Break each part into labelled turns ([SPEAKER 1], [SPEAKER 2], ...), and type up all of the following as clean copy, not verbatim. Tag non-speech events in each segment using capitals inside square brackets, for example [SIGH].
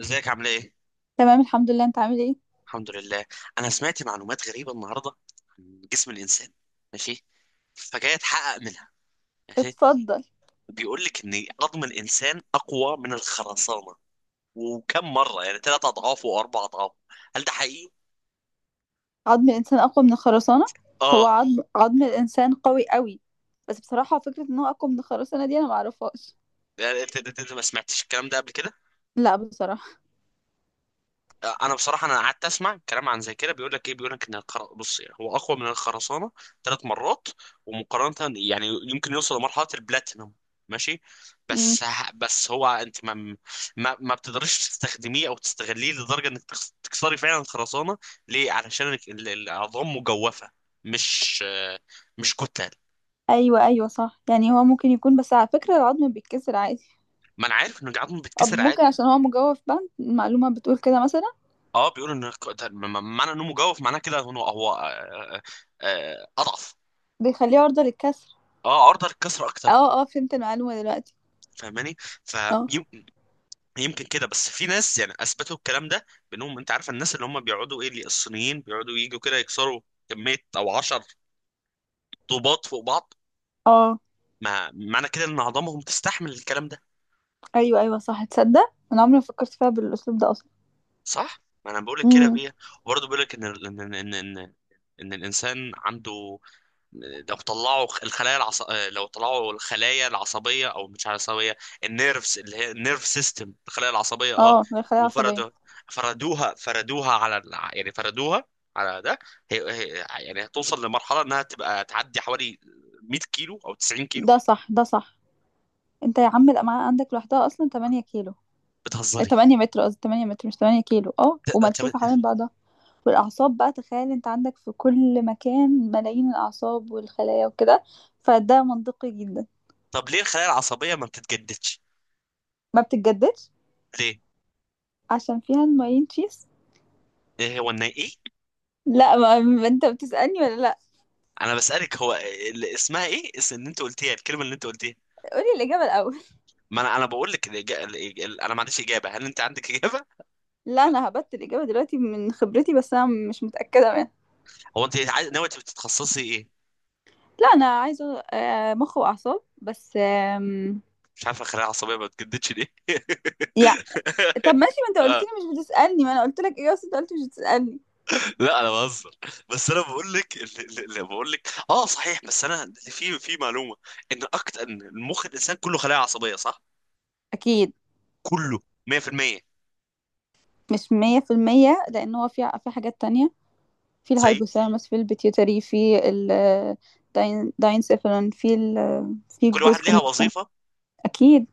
[SPEAKER 1] ازيك عامل ايه؟
[SPEAKER 2] تمام الحمد لله، انت عامل ايه؟
[SPEAKER 1] الحمد لله. انا سمعت معلومات غريبه النهارده عن جسم الانسان. ماشي. فجاي اتحقق منها. ماشي.
[SPEAKER 2] اتفضل.
[SPEAKER 1] بيقول لك ان عظم الانسان اقوى من الخرسانه، وكم مره، يعني ثلاث اضعاف واربع اضعاف. هل ده حقيقي؟
[SPEAKER 2] عظم الانسان اقوى من الخرسانه؟ هو
[SPEAKER 1] اه.
[SPEAKER 2] عظم الانسان قوي قوي. بس بصراحه فكره ان هو اقوى من الخرسانه دي انا ما اعرفهاش.
[SPEAKER 1] يعني انت ما سمعتش الكلام ده قبل كده؟
[SPEAKER 2] لا بصراحه.
[SPEAKER 1] انا بصراحه، انا قعدت اسمع كلام عن زي كده، بيقول لك ايه، بيقول لك ان بص، يعني هو اقوى من الخرسانه ثلاث مرات، ومقارنه يعني يمكن يوصل لمرحله البلاتينوم. ماشي.
[SPEAKER 2] امم
[SPEAKER 1] بس. بس هو انت ما بتقدريش تستخدميه او تستغليه لدرجه انك تكسري فعلا الخرسانه. ليه؟ علشان العظام مجوفه، مش، مش كتل.
[SPEAKER 2] ايوه ايوه صح، يعني هو ممكن يكون، بس على فكره العظم بيتكسر عادي.
[SPEAKER 1] ما انا عارف ان العظم
[SPEAKER 2] طب
[SPEAKER 1] بتكسر عادي.
[SPEAKER 2] ممكن عشان هو مجوف بند المعلومه بتقول كده مثلا.
[SPEAKER 1] اه، بيقول ان معنى انه مجوف، معناه كده انه هو اضعف.
[SPEAKER 2] بيخليه عرضه للكسر.
[SPEAKER 1] اه، عرضة للكسر اكتر.
[SPEAKER 2] اه اه فهمت المعلومه دلوقتي.
[SPEAKER 1] فاهماني؟
[SPEAKER 2] اه
[SPEAKER 1] فيمكن كده. بس في ناس يعني اثبتوا الكلام ده بانهم، انت عارف الناس اللي هم بيقعدوا ايه، اللي الصينيين بيقعدوا يجوا كده يكسروا كميه او 10 طوبات فوق بعض.
[SPEAKER 2] اه
[SPEAKER 1] ما معنى كده ان عظامهم تستحمل الكلام ده.
[SPEAKER 2] ايوه ايوه صح، تصدق انا عمري ما فكرت فيها بالاسلوب ده اصلا.
[SPEAKER 1] صح؟ ما انا بقول لك كده
[SPEAKER 2] امم
[SPEAKER 1] فيها. وبرضه بيقول لك ان ان الانسان عنده، لو طلعوا الخلايا العص... لو طلعوا الخلايا العصبيه، او مش عصبيه، النيرفز اللي هي النيرف سيستم، الخلايا العصبيه اه،
[SPEAKER 2] اه بيخليها عصبيه.
[SPEAKER 1] وفردوا، يعني فردوها على ده، يعني هتوصل لمرحله انها تبقى تعدي حوالي 100 كيلو او 90 كيلو.
[SPEAKER 2] ده صح ده صح. انت يا عم الامعاء عندك لوحدها اصلا 8 كيلو.
[SPEAKER 1] بتهزري؟
[SPEAKER 2] 8 متر قصدي، 8 متر مش 8 كيلو، اه،
[SPEAKER 1] طب.
[SPEAKER 2] وملفوفه حوالين بعضها. والاعصاب بقى، تخيل انت عندك في كل مكان ملايين الاعصاب والخلايا وكده، فده منطقي جدا.
[SPEAKER 1] طب ليه الخلايا العصبيه ما بتتجددش؟
[SPEAKER 2] ما بتتجددش
[SPEAKER 1] ليه؟
[SPEAKER 2] عشان فيها الماين تشيز.
[SPEAKER 1] إيه هو النا ايه؟
[SPEAKER 2] لا، ما انت بتسألني ولا لا؟
[SPEAKER 1] انا بسالك، اسمها ايه؟ ان انت قلتيها الكلمه اللي انت قلتيها.
[SPEAKER 2] قولي الإجابة الأول.
[SPEAKER 1] ما انا بقول لك انا ما عنديش اجابه. هل انت عندك اجابه؟
[SPEAKER 2] [LAUGHS] لا أنا هبت الإجابة دلوقتي من خبرتي بس أنا مش متأكدة منها.
[SPEAKER 1] هو ناوي تتخصصي ايه؟
[SPEAKER 2] لا أنا عايزة مخ وأعصاب بس
[SPEAKER 1] مش عارف الخلايا العصبيه ما بتجددش ليه. [LAUGHS]
[SPEAKER 2] يا. طب ماشي، ما انت قلت
[SPEAKER 1] آه.
[SPEAKER 2] لي مش بتسألني، ما انا قلت لك ايه، بس انت قلت مش بتسألني.
[SPEAKER 1] لا، انا بهزر. بس انا بقول لك اللي بقول لك اه، صحيح. بس انا في، معلومه ان اكتر، ان المخ الانسان كله خلايا عصبيه، صح؟
[SPEAKER 2] اكيد.
[SPEAKER 1] كله 100%.
[SPEAKER 2] مش مية في المية لان هو في حاجات تانية. في
[SPEAKER 1] زي،
[SPEAKER 2] الهايبوثالاموس في البيتيوتري في ال داينسيفالون في ال في
[SPEAKER 1] كل واحد
[SPEAKER 2] الجزء
[SPEAKER 1] ليها
[SPEAKER 2] المخ.
[SPEAKER 1] وظيفه
[SPEAKER 2] اكيد.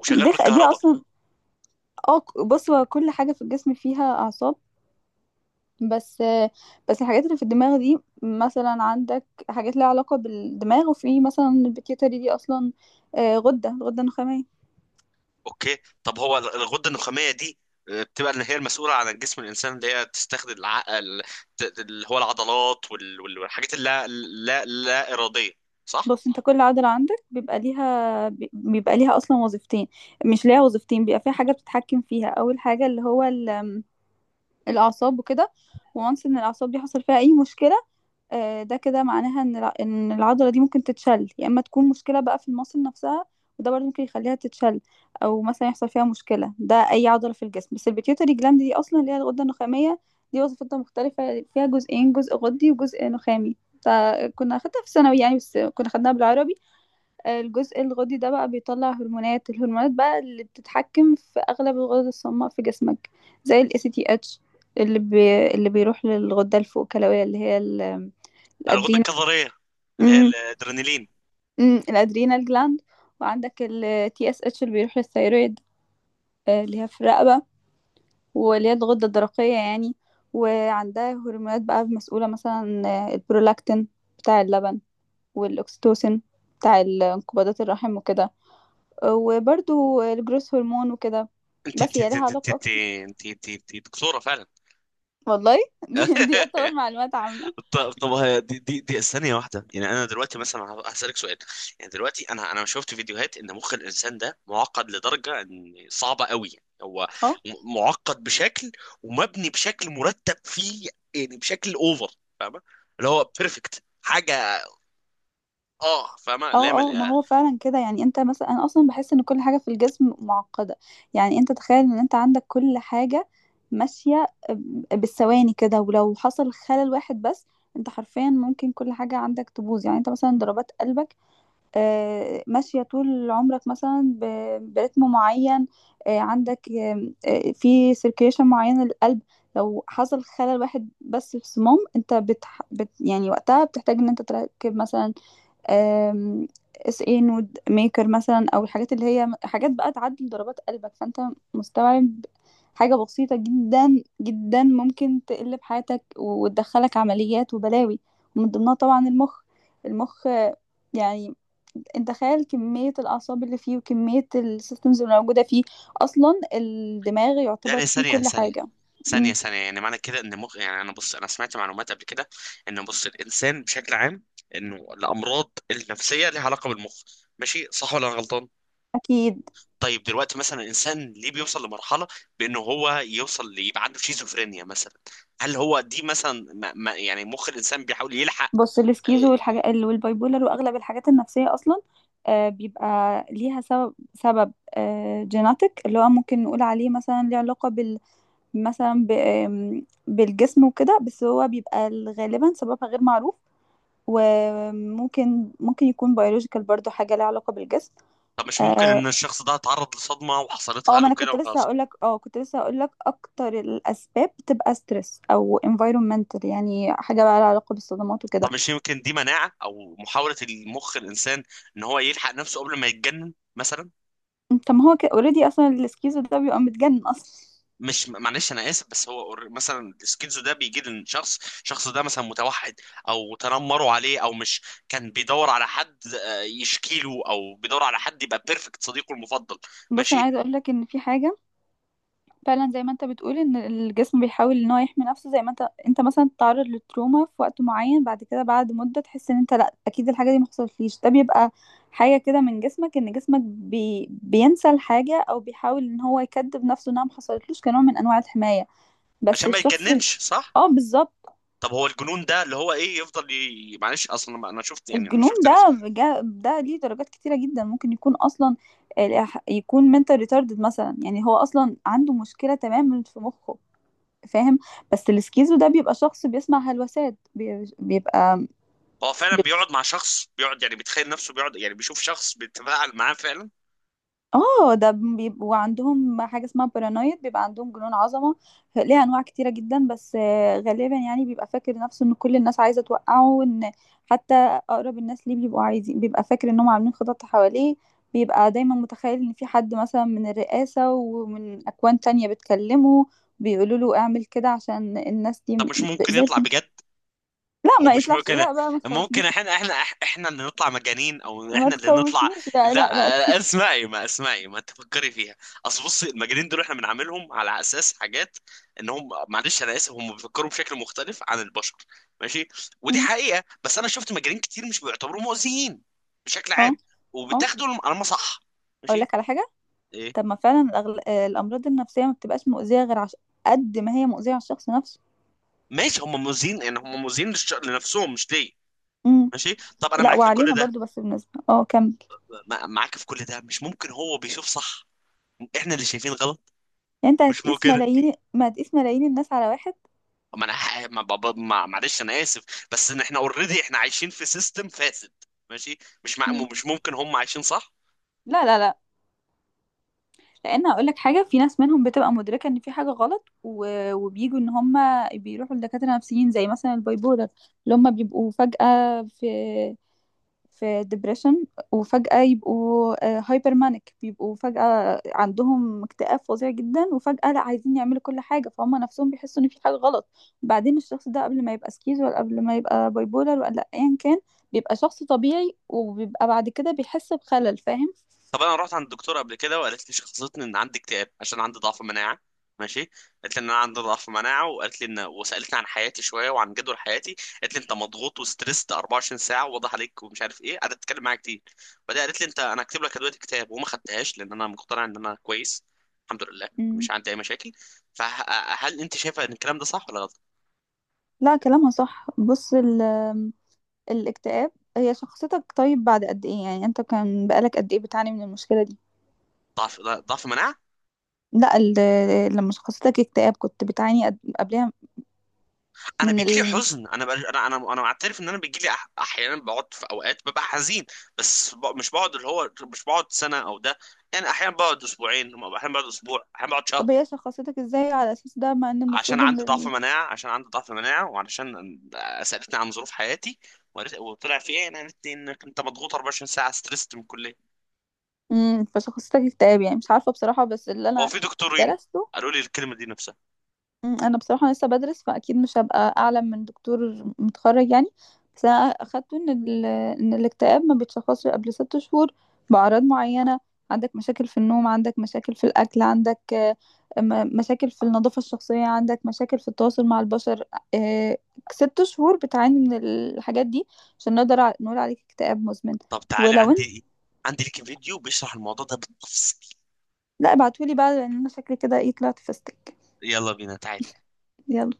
[SPEAKER 1] وشغال
[SPEAKER 2] دي
[SPEAKER 1] بالكهرباء.
[SPEAKER 2] اصلا. بص هو كل حاجة في الجسم فيها اعصاب. بس بس الحاجات اللي في الدماغ دي، مثلا عندك حاجات ليها علاقة بالدماغ، وفي مثلا البيتيوتري دي اصلا غدة غدة نخامية.
[SPEAKER 1] اوكي. طب هو الغده النخاميه دي، بتبقى اللي هي المسؤوله عن جسم الانسان، اللي هي تستخدم العقل، اللي هو العضلات والحاجات اللا لا لا اراديه، صح؟
[SPEAKER 2] بص انت كل عضلة عندك بيبقى ليها بيبقى ليها اصلا وظيفتين، مش ليها وظيفتين، بيبقى فيها حاجة بتتحكم فيها اول حاجة اللي هو الاعصاب وكده. وانس ان الاعصاب دي حصل فيها اي مشكلة، ده كده معناها ان العضلة دي ممكن تتشل، يا اما تكون مشكلة بقى في المصل نفسها، وده برضه ممكن يخليها تتشل. او مثلا يحصل فيها مشكلة، ده اي عضلة في الجسم. بس البيتيوتري جلاند دي اصلا اللي هي الغدة النخامية، دي وظيفتها مختلفة، فيها جزئين جزء غدي وجزء نخامي. فكنا اخدتها في الثانوي يعني، بس كنا خدناها بالعربي. الجزء الغدي ده بقى بيطلع هرمونات، الهرمونات بقى اللي بتتحكم في اغلب الغدد الصماء في جسمك، زي ال ACTH، اللي بيروح للغدة الفوقكلوية، اللي هي ال...
[SPEAKER 1] الغده
[SPEAKER 2] الادرينال.
[SPEAKER 1] الكظريه اللي هي
[SPEAKER 2] امم
[SPEAKER 1] الادرينالين.
[SPEAKER 2] الادرينال جلاند. وعندك ال TSH اللي بيروح للثيرويد، اللي هي في الرقبة، واللي هي الغدة الدرقية يعني. وعندها هرمونات بقى مسؤولة، مثلا البرولاكتين بتاع اللبن، والأكسيتوسين بتاع انقباضات الرحم وكده، وبرضو الجروس هرمون وكده.
[SPEAKER 1] انت
[SPEAKER 2] بس
[SPEAKER 1] انت
[SPEAKER 2] هي
[SPEAKER 1] انت
[SPEAKER 2] ليها
[SPEAKER 1] انت انت
[SPEAKER 2] علاقة
[SPEAKER 1] انت,
[SPEAKER 2] أكتر.
[SPEAKER 1] انت, انت, انت دكتوره فعلا.
[SPEAKER 2] والله، [LAUGHS] دي يعتبر
[SPEAKER 1] [LAUGHS]
[SPEAKER 2] معلومات عامة.
[SPEAKER 1] طب، طب هي دي ثانية واحدة، يعني أنا دلوقتي مثلا هسألك سؤال. يعني دلوقتي أنا شفت فيديوهات إن مخ الإنسان ده معقد لدرجة إن صعبة قوي. هو
[SPEAKER 2] اه
[SPEAKER 1] معقد بشكل، ومبني بشكل مرتب فيه، يعني بشكل أوفر. فاهمة؟ اللي هو بيرفكت حاجة. أه، فاهمة. لا
[SPEAKER 2] اه
[SPEAKER 1] مل...
[SPEAKER 2] اه، ما
[SPEAKER 1] آه.
[SPEAKER 2] هو فعلا كده. يعني انت مثلا، انا اصلا بحس ان كل حاجة في الجسم معقدة. يعني انت تخيل ان انت عندك كل حاجة ماشية بالثواني كده، ولو حصل خلل واحد بس، انت حرفيا ممكن كل حاجة عندك تبوظ. يعني انت مثلا ضربات قلبك، ماشية طول عمرك مثلا برتم معين، عندك آم، آه، في سيركيليشن معين للقلب. لو حصل خلل واحد بس في الصمام، انت يعني وقتها بتحتاج ان انت تركب مثلا آم، اس اي نود ميكر مثلا، او الحاجات اللي هي حاجات بقى تعدل ضربات قلبك. فانت مستوعب، حاجة بسيطة جدا جدا ممكن تقلب حياتك وتدخلك عمليات وبلاوي. ومن ضمنها طبعا المخ. المخ يعني انت تخيل كمية الأعصاب اللي فيه وكمية السيستمز اللي موجودة فيه. أصلا الدماغ يعتبر
[SPEAKER 1] يعني
[SPEAKER 2] فيه
[SPEAKER 1] ثانية
[SPEAKER 2] كل
[SPEAKER 1] ثانية
[SPEAKER 2] حاجة.
[SPEAKER 1] ثانية
[SPEAKER 2] أمم،
[SPEAKER 1] ثانية يعني معنى كده إن مخ، يعني أنا، بص أنا سمعت معلومات قبل كده إن، بص الإنسان بشكل عام، إنه الأمراض النفسية ليها علاقة بالمخ. ماشي؟ صح ولا أنا غلطان؟
[SPEAKER 2] أكيد.
[SPEAKER 1] طيب دلوقتي مثلا الانسان ليه بيوصل لمرحله بانه هو يبقى عنده شيزوفرينيا مثلا؟ هل هو دي مثلا ما يعني مخ الانسان بيحاول يلحق؟
[SPEAKER 2] بص
[SPEAKER 1] آه.
[SPEAKER 2] السكيزو والحاجات والبايبولر واغلب الحاجات النفسيه اصلا بيبقى ليها سبب، سبب جيناتيك اللي هو ممكن نقول عليه مثلا ليه علاقه بال، مثلا ب- آم، بالجسم وكده. بس هو بيبقى غالبا سببها غير معروف، وممكن ممكن يكون بيولوجيكال، برضو حاجه ليها علاقه بالجسم.
[SPEAKER 1] طب مش ممكن
[SPEAKER 2] اه
[SPEAKER 1] ان الشخص ده اتعرض لصدمه وحصلتها
[SPEAKER 2] ما
[SPEAKER 1] له
[SPEAKER 2] انا
[SPEAKER 1] كده
[SPEAKER 2] كنت لسه
[SPEAKER 1] وخلاص؟
[SPEAKER 2] هقول لك، اه كنت لسه هقول لك، اكتر الاسباب بتبقى ستريس او environmental، يعني حاجه بقى لها علاقه بالصدمات وكده.
[SPEAKER 1] طب مش يمكن دي مناعه او محاوله المخ الانسان ان هو يلحق نفسه قبل ما يتجنن مثلا؟
[SPEAKER 2] طب ما هو كده اوريدي اصلا الاسكيزو ده بيبقى متجنن اصلا.
[SPEAKER 1] مش، معلش انا اسف، بس هو مثلا السكيزو ده بيجي للشخص، الشخص ده مثلا متوحد او تنمروا عليه او مش، كان بيدور على حد يشكي له، او بيدور على حد يبقى بيرفكت صديقه المفضل.
[SPEAKER 2] بص انا
[SPEAKER 1] ماشي.
[SPEAKER 2] عايزه اقول لك ان في حاجه، فعلا زي ما انت بتقول، ان الجسم بيحاول ان هو يحمي نفسه. زي ما انت مثلا تتعرض للتروما في وقت معين، بعد كده بعد مده تحس ان انت لا اكيد الحاجه دي ما حصلتليش. ده بيبقى حاجه كده من جسمك، ان جسمك بينسى الحاجه، او بيحاول ان هو يكذب نفسه انها ما حصلتلوش، كنوع من انواع الحمايه. بس
[SPEAKER 1] عشان ما
[SPEAKER 2] الشخص ال-
[SPEAKER 1] يتجننش، صح؟
[SPEAKER 2] اه بالظبط.
[SPEAKER 1] طب هو الجنون ده اللي هو ايه يفضل معلش، اصلا ما انا شفت، يعني انا
[SPEAKER 2] الجنون
[SPEAKER 1] شفت ناس.
[SPEAKER 2] ده ده ليه درجات كتيرة جدا. ممكن يكون أصلا يكون mental retarded مثلا، يعني هو أصلا عنده مشكلة تماما في مخه، فاهم. بس السكيزو ده بيبقى شخص بيسمع هلوسات، بيبقى
[SPEAKER 1] هو فعلا بيقعد مع شخص، بيقعد يعني بيتخيل نفسه، بيقعد يعني بيشوف شخص بيتفاعل معاه فعلا.
[SPEAKER 2] اه ده بيبقوا عندهم حاجة اسمها بارانويد، بيبقى عندهم جنون عظمة. ليها انواع كتيرة جدا، بس غالبا يعني بيبقى فاكر نفسه ان كل الناس عايزة توقعه، وان حتى اقرب الناس ليه بيبقوا عايزين، بيبقى فاكر انهم عاملين خطط حواليه. بيبقى دايما متخيل ان في حد مثلا من الرئاسة ومن اكوان تانية بتكلمه، بيقولوا له اعمل كده عشان الناس دي
[SPEAKER 1] طب
[SPEAKER 2] م-
[SPEAKER 1] مش ممكن
[SPEAKER 2] زي
[SPEAKER 1] يطلع بجد؟
[SPEAKER 2] لا
[SPEAKER 1] او
[SPEAKER 2] ما
[SPEAKER 1] مش
[SPEAKER 2] يطلعش،
[SPEAKER 1] ممكن،
[SPEAKER 2] لا بقى ما
[SPEAKER 1] ممكن
[SPEAKER 2] تخوفنيش.
[SPEAKER 1] احنا، احنا اللي نطلع مجانين، او
[SPEAKER 2] ما
[SPEAKER 1] احنا اللي نطلع؟
[SPEAKER 2] تخوفنيش بقى،
[SPEAKER 1] لا.
[SPEAKER 2] لا لا لا.
[SPEAKER 1] اسمعي، ما اسمعي، ما تفكري فيها. اصل بصي، المجانين دول احنا بنعاملهم على اساس حاجات انهم، معلش انا اسف، هم بيفكروا بشكل مختلف عن البشر، ماشي؟ ودي
[SPEAKER 2] م.
[SPEAKER 1] حقيقة. بس انا شفت مجانين كتير مش بيعتبروا مؤذيين بشكل
[SPEAKER 2] اه
[SPEAKER 1] عام.
[SPEAKER 2] اه.
[SPEAKER 1] وبتاخدوا على ما صح.
[SPEAKER 2] اقول
[SPEAKER 1] ماشي.
[SPEAKER 2] لك على حاجة.
[SPEAKER 1] ايه؟
[SPEAKER 2] طب ما فعلا الأغل... آه، الأمراض النفسية ما بتبقاش مؤذية غير عش... قد ما هي مؤذية على الشخص نفسه.
[SPEAKER 1] ماشي. هم مؤذيين، يعني هم مؤذيين لنفسهم، مش ليا.
[SPEAKER 2] امم
[SPEAKER 1] ماشي. طب انا
[SPEAKER 2] لا
[SPEAKER 1] معاك في كل
[SPEAKER 2] وعلينا
[SPEAKER 1] ده.
[SPEAKER 2] برضو، بس بالنسبة اه كمل.
[SPEAKER 1] معاك في كل ده، مش ممكن هو بيشوف صح، احنا اللي شايفين غلط؟
[SPEAKER 2] يعني انت
[SPEAKER 1] مش مو
[SPEAKER 2] هتقيس
[SPEAKER 1] كده.
[SPEAKER 2] ملايين، ما هتقيس ملايين الناس على واحد.
[SPEAKER 1] ما انا ح- ما بابا ما معلش انا اسف، بس ان احنا اوريدي احنا عايشين في سيستم فاسد، ماشي؟
[SPEAKER 2] امم
[SPEAKER 1] مش ممكن هم عايشين صح؟
[SPEAKER 2] لا لا لا، لأن هقول لك حاجة، في ناس منهم بتبقى مدركة إن في حاجة غلط وبيجوا إن هم بيروحوا لدكاترة نفسيين، زي مثلا البايبولر اللي هم بيبقوا فجأة في في ديبريشن وفجأة يبقوا هايبر مانيك، بيبقوا فجأة عندهم اكتئاب فظيع جدا، وفجأة لا عايزين يعملوا كل حاجة، فهم نفسهم بيحسوا ان في حاجة غلط. بعدين الشخص ده قبل ما يبقى سكيز ولا قبل ما يبقى بايبولر ولا ايا كان، بيبقى شخص طبيعي، وبيبقى بعد كده بيحس بخلل، فاهم.
[SPEAKER 1] طب انا رحت عند الدكتور قبل كده وقالت لي، شخصتني ان عندي اكتئاب عشان عندي ضعف مناعه. ماشي. قالت لي ان انا عندي ضعف مناعه، وقالت لي ان، وسالتني عن حياتي شويه وعن جدول حياتي، قالت لي انت مضغوط وستريسد 24 ساعه، واضح عليك، ومش عارف ايه، قعدت تتكلم معايا كتير. بعدين قالت لي انت، انا هكتب لك ادويه اكتئاب، وما خدتهاش لان انا مقتنع ان انا كويس، الحمد لله،
[SPEAKER 2] مم.
[SPEAKER 1] مش عندي اي مشاكل. فهل انت شايفه ان الكلام ده صح ولا غلط؟
[SPEAKER 2] لا كلامها صح. بص الاكتئاب، هي شخصيتك طيب بعد قد ايه؟ يعني انت كان بقالك قد ايه بتعاني من المشكلة دي؟
[SPEAKER 1] ضعف مناعه.
[SPEAKER 2] لا لما شخصيتك اكتئاب كنت بتعاني قبلها
[SPEAKER 1] انا
[SPEAKER 2] من
[SPEAKER 1] بيجي لي
[SPEAKER 2] ال؟
[SPEAKER 1] حزن، انا بقى انا معترف ان انا بيجي لي احيانا، بقعد في اوقات ببقى حزين. مش بقعد، اللي هو مش بقعد سنه او ده، يعني احيانا بقعد اسبوعين، احيانا بقعد اسبوع، احيانا بقعد شهر.
[SPEAKER 2] طب هي شخصيتك ازاي على اساس ده، مع ان
[SPEAKER 1] عشان
[SPEAKER 2] المفروض ان
[SPEAKER 1] عندي ضعف
[SPEAKER 2] ال...
[SPEAKER 1] مناعه، عشان عندي ضعف مناعه وعشان سالتني عن ظروف حياتي، وطلع في ايه انا، قالت لي انك انت مضغوط 24 ساعه ستريسد من الكليه.
[SPEAKER 2] فشخصيتك اكتئاب يعني، مش عارفة بصراحة، بس اللي
[SPEAKER 1] هو
[SPEAKER 2] انا
[SPEAKER 1] في دكتورين
[SPEAKER 2] درسته،
[SPEAKER 1] قالوا لي الكلمه دي نفسها.
[SPEAKER 2] مم، انا بصراحه لسه بدرس، فاكيد مش هبقى اعلم من دكتور متخرج يعني. بس انا اخدته ان ال... ان الاكتئاب ما بيتشخصش قبل 6 شهور، باعراض معينه: عندك مشاكل في النوم، عندك مشاكل في الاكل، عندك مشاكل في النظافه الشخصيه، عندك مشاكل في التواصل مع البشر، آه، 6 شهور بتعاني من الحاجات دي عشان نقدر نقول عليك اكتئاب مزمن.
[SPEAKER 1] طب تعالي،
[SPEAKER 2] ولو انت،
[SPEAKER 1] عندي، ايه، عندي ليك فيديو بيشرح الموضوع ده بالتفصيل.
[SPEAKER 2] لا ابعتولي بقى، لان انا شكلي كده ايه طلعت فستك.
[SPEAKER 1] يلا بينا، تعالي.
[SPEAKER 2] يلا.